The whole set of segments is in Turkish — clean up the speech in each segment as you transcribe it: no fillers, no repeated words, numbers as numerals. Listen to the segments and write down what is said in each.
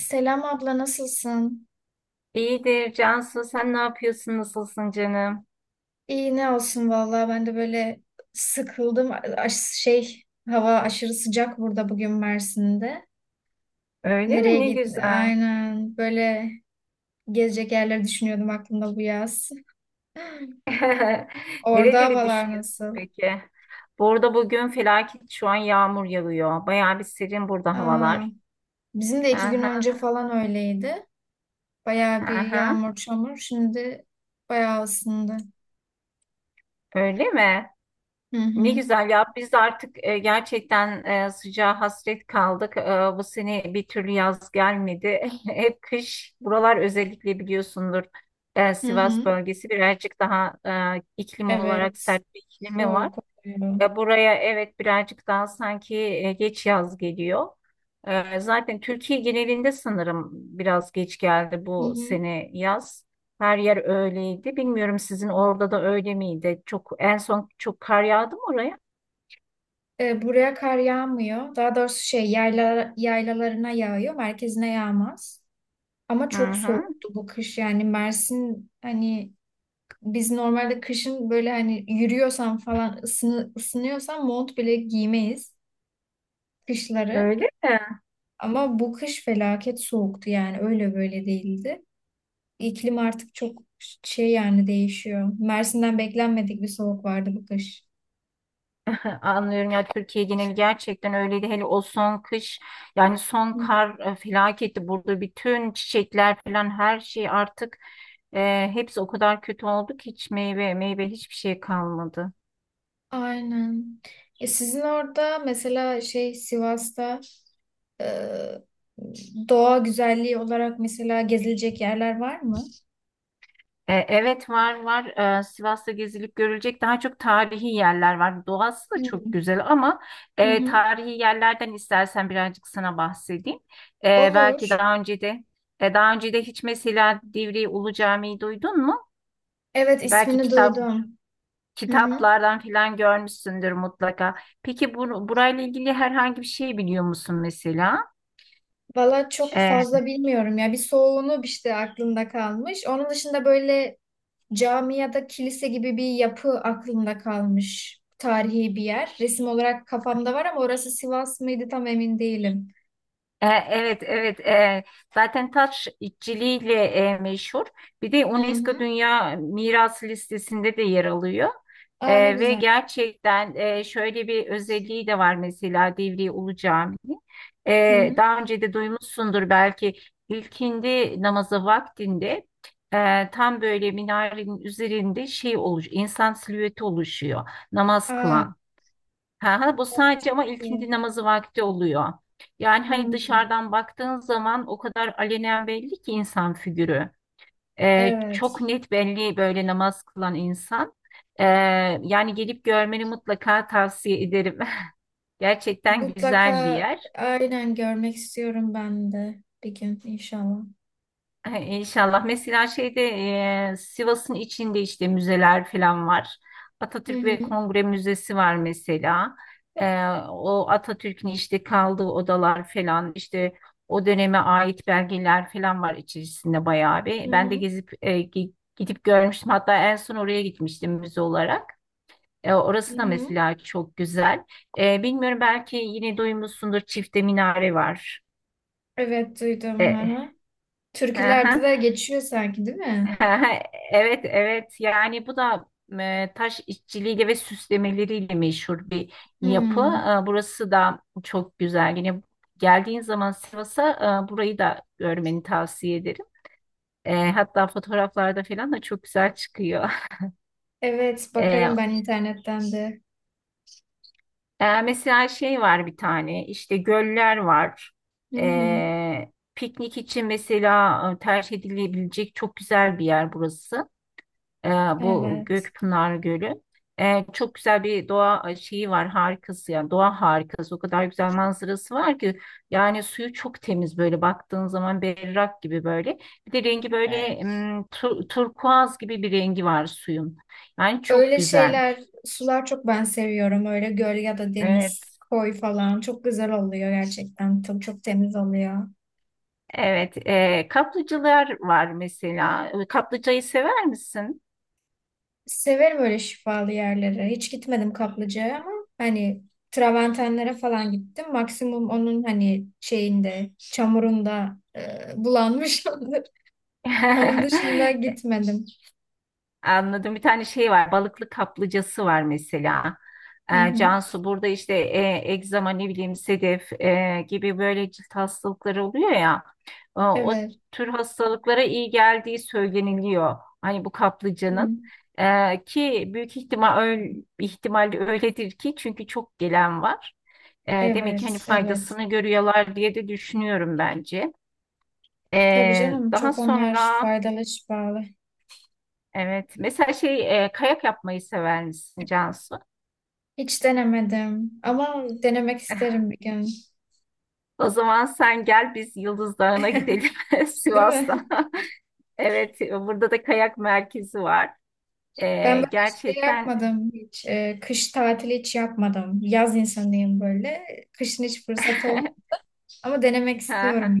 Selam abla, nasılsın? İyidir Cansu, sen ne yapıyorsun, nasılsın canım? İyi ne olsun vallahi ben de böyle sıkıldım. Aş- şey Hava aşırı sıcak burada bugün Mersin'de. Öyle mi? Nereye Ne git? güzel. Aynen böyle gezecek yerleri düşünüyordum aklımda bu yaz. Orada Nereleri havalar düşünüyorsun nasıl? peki? Burada bugün felaket şu an yağmur yağıyor. Bayağı bir serin burada Aa, havalar. bizim de 2 gün Aha, önce falan öyleydi. Bayağı bir aha. yağmur çamur. Şimdi bayağı ısındı. Öyle mi? Hı Ne hı. güzel ya. Biz de artık gerçekten sıcağa hasret kaldık. Bu sene bir türlü yaz gelmedi. Hep kış. Buralar özellikle biliyorsundur. Hı Sivas hı. bölgesi birazcık daha iklim olarak Evet. sert bir iklimi var. Soğuk oluyor. Ve buraya evet birazcık daha sanki geç yaz geliyor. Zaten Türkiye genelinde sanırım biraz geç geldi Hı bu hı. sene yaz. Her yer öyleydi. Bilmiyorum sizin orada da öyle miydi? Çok en son çok kar yağdı mı oraya? Buraya kar yağmıyor. Daha doğrusu yaylalarına yağıyor. Merkezine yağmaz. Ama Hı çok hı. soğuktu bu kış. Yani Mersin hani biz normalde kışın böyle hani yürüyorsan falan ısınıyorsan mont bile giymeyiz kışları. Öyle mi? Ama bu kış felaket soğuktu yani öyle böyle değildi. İklim artık çok şey yani değişiyor. Mersin'den beklenmedik bir soğuk vardı bu kış. Anlıyorum ya, Türkiye geneli gerçekten öyleydi. Hele o son kış, yani son kar felaketti. Burada bütün çiçekler falan her şey artık hepsi o kadar kötü oldu ki hiç meyve, hiçbir şey kalmadı. Aynen. Sizin orada mesela şey Sivas'ta. Ee, Doğa güzelliği olarak mesela gezilecek yerler var mı? Evet, var. Sivas'ta gezilip görülecek daha çok tarihi yerler var. Doğası da çok Hmm. güzel ama Hı hı. tarihi yerlerden istersen birazcık sana bahsedeyim. E, belki Olur. daha önce de e, Daha önce de hiç mesela Divriği Ulu Camii'yi duydun mu? Evet, Belki ismini kitap, duydum. Hı hı. kitaplardan filan görmüşsündür mutlaka. Peki burayla ilgili herhangi bir şey biliyor musun mesela? Valla çok Ee, fazla bilmiyorum ya. Bir soğuğunu işte aklımda kalmış. Onun dışında böyle cami ya da kilise gibi bir yapı aklımda kalmış. Tarihi bir yer. Resim olarak kafamda var ama orası Sivas mıydı tam emin değilim. Evet, evet. Zaten taş işçiliğiyle meşhur. Bir de Hı hı. UNESCO Dünya Mirası listesinde de yer alıyor. Aa, ne Ve güzel. gerçekten şöyle bir özelliği de var mesela Divriği Ulu Camii. Hı hı. Daha önce de duymuşsundur belki, ilkindi namazı vaktinde tam böyle minarenin üzerinde insan silüeti oluşuyor namaz Aa, kılan. Ha, ha, bu sadece çok ama ilkindi iyi. namazı vakti oluyor. Yani hani Hmm. dışarıdan baktığın zaman o kadar alenen belli ki insan figürü. Çok Evet. net belli böyle namaz kılan insan. Ee, Yani gelip görmeni mutlaka tavsiye ederim. Gerçekten güzel bir Mutlaka yer. aynen görmek istiyorum ben de bir gün inşallah. Ay, İnşallah. Mesela şeyde Sivas'ın içinde işte müzeler falan var. Hı Atatürk hı, ve Kongre Müzesi var mesela. O Atatürk'ün işte kaldığı odalar falan işte o döneme ait belgeler falan var içerisinde bayağı hı bir. Ben de hı, gezip gidip görmüştüm. Hatta en son oraya gitmiştim müze olarak. Hı Orası da hı. mesela çok güzel. Bilmiyorum, belki yine duymuşsundur, Çifte Minare var. Evet, duydum. Hı E, hı. Türkülerde de geçiyor sanki değil mi? Evet, evet. Yani bu da taş işçiliğiyle ve süslemeleriyle meşhur bir yapı. Hmm. Burası da çok güzel. Yine geldiğin zaman Sivas'a burayı da görmeni tavsiye ederim. Hatta fotoğraflarda falan da çok güzel çıkıyor. Evet, E, bakarım ben internetten de. Mesela şey var bir tane, işte göller var. Hı hı. Piknik için mesela tercih edilebilecek çok güzel bir yer burası. E, Bu Evet. Gökpınar Gölü. Çok güzel bir doğa şeyi var, harikası, yani doğa harikası, o kadar güzel manzarası var ki yani suyu çok temiz, böyle baktığın zaman berrak gibi, böyle bir de rengi böyle Evet. Turkuaz gibi bir rengi var suyun, yani çok Öyle güzel. şeyler, sular çok ben seviyorum. Öyle göl ya da deniz, Evet, koy falan. Çok güzel oluyor gerçekten. Çok çok temiz oluyor. evet. Kaplıcalar var mesela. Kaplıcayı sever misin? Severim öyle şifalı yerlere. Hiç gitmedim Kaplıca'ya ama hani Traventenlere falan gittim. Maksimum onun hani şeyinde, çamurunda bulanmışımdır. Onun dışında gitmedim. Anladım. Bir tane şey var. Balıklı kaplıcası var mesela. Hı hı. Cansu burada işte egzama, ne bileyim sedef gibi böyle cilt hastalıkları oluyor ya. O Evet. tür hastalıklara iyi geldiği söyleniliyor. Hani bu kaplıcanın. Hı. Ki büyük ihtimalle öyledir ki çünkü çok gelen var. Demek ki hani Evet, evet. faydasını görüyorlar diye de düşünüyorum bence. Tabii E, canım, Daha çok onlar sonra faydalı, şifalı. evet mesela şey kayak yapmayı sever misin Cansu? Hiç denemedim ama denemek isterim bir gün. O zaman sen gel, biz Yıldız Dağı'na gidelim Değil mi? Sivas'ta. Evet, burada da kayak merkezi var. Ben böyle şey Gerçekten. yapmadım hiç. Kış tatili hiç yapmadım. Yaz insanıyım böyle. Kışın hiç fırsat olmadı. Ama denemek istiyorum. Aha,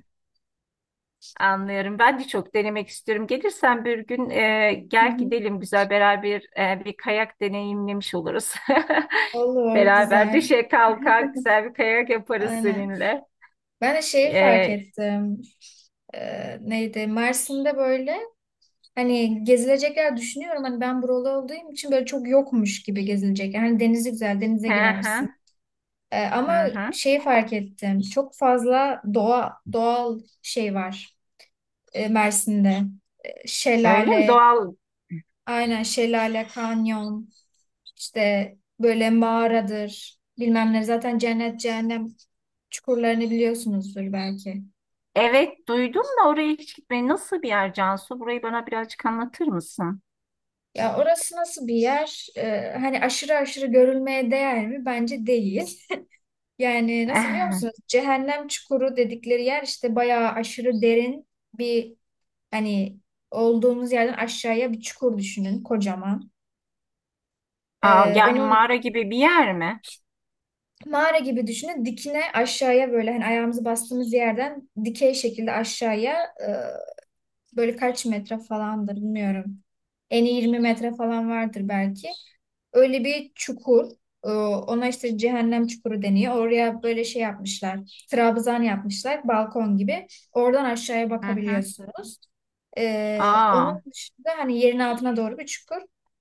anlıyorum. Ben de çok denemek istiyorum. Gelirsen bir gün Hı gel hı. gidelim, güzel beraber bir kayak deneyimlemiş oluruz. Olur, Beraber güzel. düşe kalka güzel bir kayak yaparız Aynen. seninle. Ben de şeyi fark Ee, ettim. Neydi? Mersin'de böyle hani gezilecek yer düşünüyorum. Hani ben buralı olduğum için böyle çok yokmuş gibi gezilecek yer. Hani denizi güzel, denize hı girersin. hı, Ama hı hı. şeyi fark ettim. Çok fazla doğal şey var Mersin'de. Öyle mi? Şelale. Doğal. Aynen şelale, kanyon, işte böyle mağaradır, bilmem ne. Zaten cennet, cehennem çukurlarını biliyorsunuzdur belki. Evet duydum da, oraya hiç gitmeyi, nasıl bir yer Cansu? Burayı bana birazcık anlatır mısın? Ya orası nasıl bir yer? Hani aşırı aşırı görülmeye değer mi? Bence değil. Yani nasıl biliyor musunuz? Cehennem çukuru dedikleri yer işte bayağı aşırı derin bir hani olduğumuz yerden aşağıya bir çukur düşünün kocaman. Aa, yani Onun mağara gibi bir yer mi? Mağara gibi düşünün. Dikine aşağıya böyle hani ayağımızı bastığımız yerden dikey şekilde aşağıya. e, Böyle kaç metre falandır bilmiyorum. Eni iyi 20 metre falan vardır belki. Öyle bir çukur. Ona işte cehennem çukuru deniyor. Oraya böyle şey yapmışlar. Trabzan yapmışlar. Balkon gibi. Oradan aşağıya Hı hı. bakabiliyorsunuz. Aa, Onun dışında hani yerin altına doğru bir çukur.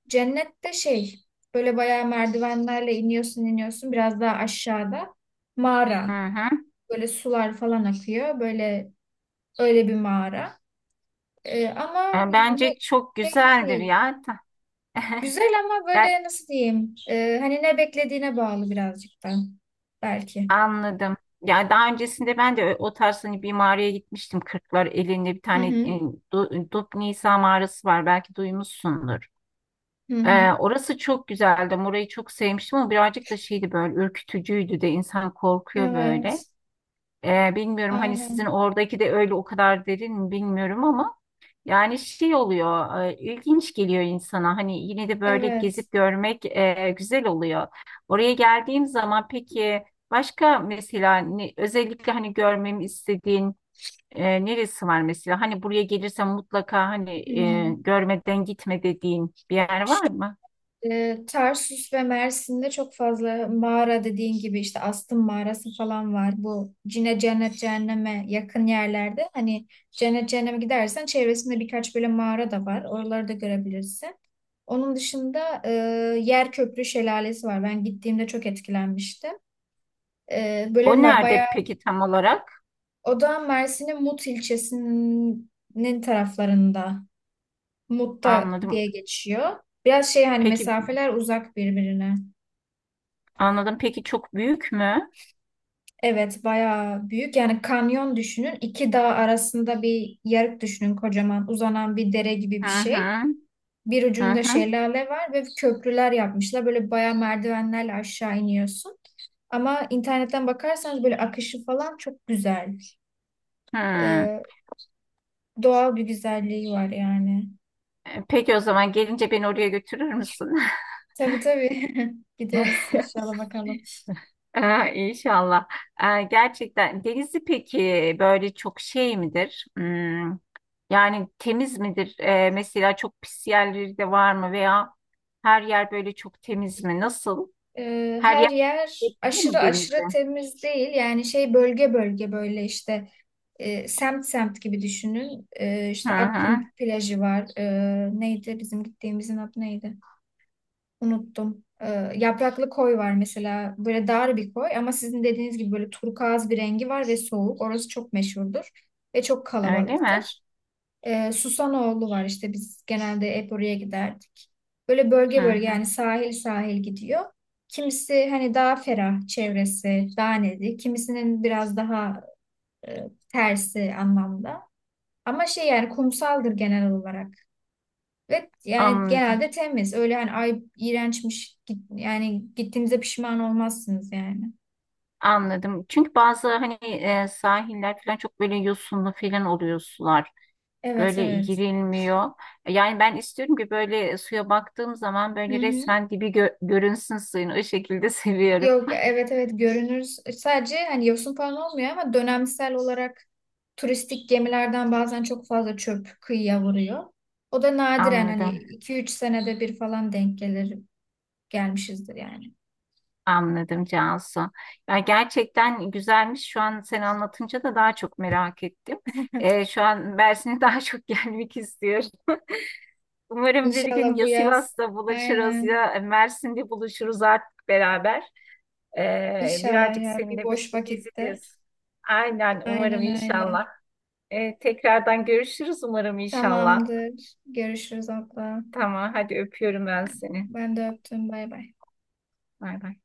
Cennette şey böyle bayağı merdivenlerle iniyorsun iniyorsun biraz daha aşağıda mağara. hı hı. Böyle sular falan akıyor. Böyle öyle bir mağara. Ama bu Bence çok şey güzeldir değil. ya. Güzel ama Yani böyle nasıl diyeyim? Hani ne beklediğine bağlı birazcık da belki. anladım. Ya daha öncesinde ben de o tarz hani bir mağaraya gitmiştim. Kırklar elinde bir Hı tane hı. Dupnisa mağarası var. Belki duymuşsundur. Hı hı. Orası çok güzeldi. Orayı çok sevmiştim ama birazcık da şeydi böyle, ürkütücüydü de, insan korkuyor böyle. Evet. Bilmiyorum hani sizin Aynen. oradaki de öyle o kadar derin mi bilmiyorum ama yani şey oluyor, ilginç geliyor insana, hani yine de böyle Evet. gezip görmek güzel oluyor. Oraya geldiğim zaman peki başka mesela özellikle hani görmemi istediğin neresi var mesela? Hani buraya gelirsem mutlaka hani Hı. Görmeden gitme dediğin bir yer var mı? Tarsus ve Mersin'de çok fazla mağara dediğin gibi işte Astım mağarası falan var. Bu cennet cehenneme yakın yerlerde. Hani cennet cehenneme gidersen çevresinde birkaç böyle mağara da var. Oraları da görebilirsin. Onun dışında Yer Köprü Şelalesi var. Ben gittiğimde çok etkilenmiştim. O Bayağı nerede peki tam olarak? o da Mersin'in Mut ilçesinin taraflarında. Mut'ta Anladım. diye geçiyor. Biraz şey hani Peki mesafeler uzak birbirine. anladım. Peki çok büyük mü? Evet, bayağı büyük. Yani kanyon düşünün. İki dağ arasında bir yarık düşünün kocaman. Uzanan bir dere gibi bir Hı şey. hı. Bir Hı ucunda hı. şelale var ve köprüler yapmışlar. Böyle bayağı merdivenlerle aşağı iniyorsun. Ama internetten bakarsanız böyle akışı falan çok güzel. Hmm. Ee, Doğal bir güzelliği var yani. Peki o zaman gelince beni oraya götürür müsün? Tabii tabii. Gideriz inşallah bakalım. İnşallah. Gerçekten denizi peki böyle çok şey midir? Hmm, yani temiz midir? Mesela çok pis yerleri de var mı, veya her yer böyle çok temiz mi? Nasıl? Her yer Her yer etkili aşırı mi aşırı denize? temiz değil. Yani şey bölge bölge böyle işte. Semt semt gibi düşünün. Hı İşte Akkum hı. plajı var. Neydi bizim gittiğimizin adı neydi? Unuttum. Yapraklı koy var mesela. Böyle dar bir koy ama sizin dediğiniz gibi böyle turkuaz bir rengi var ve soğuk. Orası çok meşhurdur ve çok Öyle mi? kalabalıktır. Susanoğlu var işte biz genelde hep oraya giderdik. Böyle Hı bölge bölge hı. yani sahil sahil gidiyor. Kimisi hani daha ferah çevresi, daha nedir? Kimisinin biraz daha e, tersi anlamda. Ama şey yani kumsaldır genel olarak. Ve yani Anladım. genelde temiz. Öyle hani ay iğrençmiş yani gittiğinize pişman olmazsınız yani. Anladım. Çünkü bazı hani sahiller falan çok böyle yosunlu falan oluyor sular, Evet, böyle evet. girilmiyor. Yani ben istiyorum ki böyle suya baktığım zaman Hı böyle hı. resmen dibi görünsün suyun. O şekilde seviyorum. Yok, evet evet görünür. Sadece hani yosun falan olmuyor ama dönemsel olarak turistik gemilerden bazen çok fazla çöp kıyıya vuruyor. O da nadiren hani Anladım. 2-3 senede bir falan denk gelir gelmişizdir yani. Anladım Cansu. Ya gerçekten güzelmiş. Şu an sen anlatınca da daha çok merak ettim. Şu an Mersin'e daha çok gelmek istiyorum. Umarım bir İnşallah gün bu ya yaz. Sivas'ta buluşuruz Aynen. ya Mersin'de buluşuruz artık beraber. İnşallah Birazcık ya bir seninle böyle boş vakitte. gezeriz. Aynen umarım Aynen öyle. inşallah. Tekrardan görüşürüz umarım inşallah. Tamamdır. Görüşürüz, abla. Tamam, hadi öpüyorum ben seni. Ben de öptüm. Bay bay. Bay bay.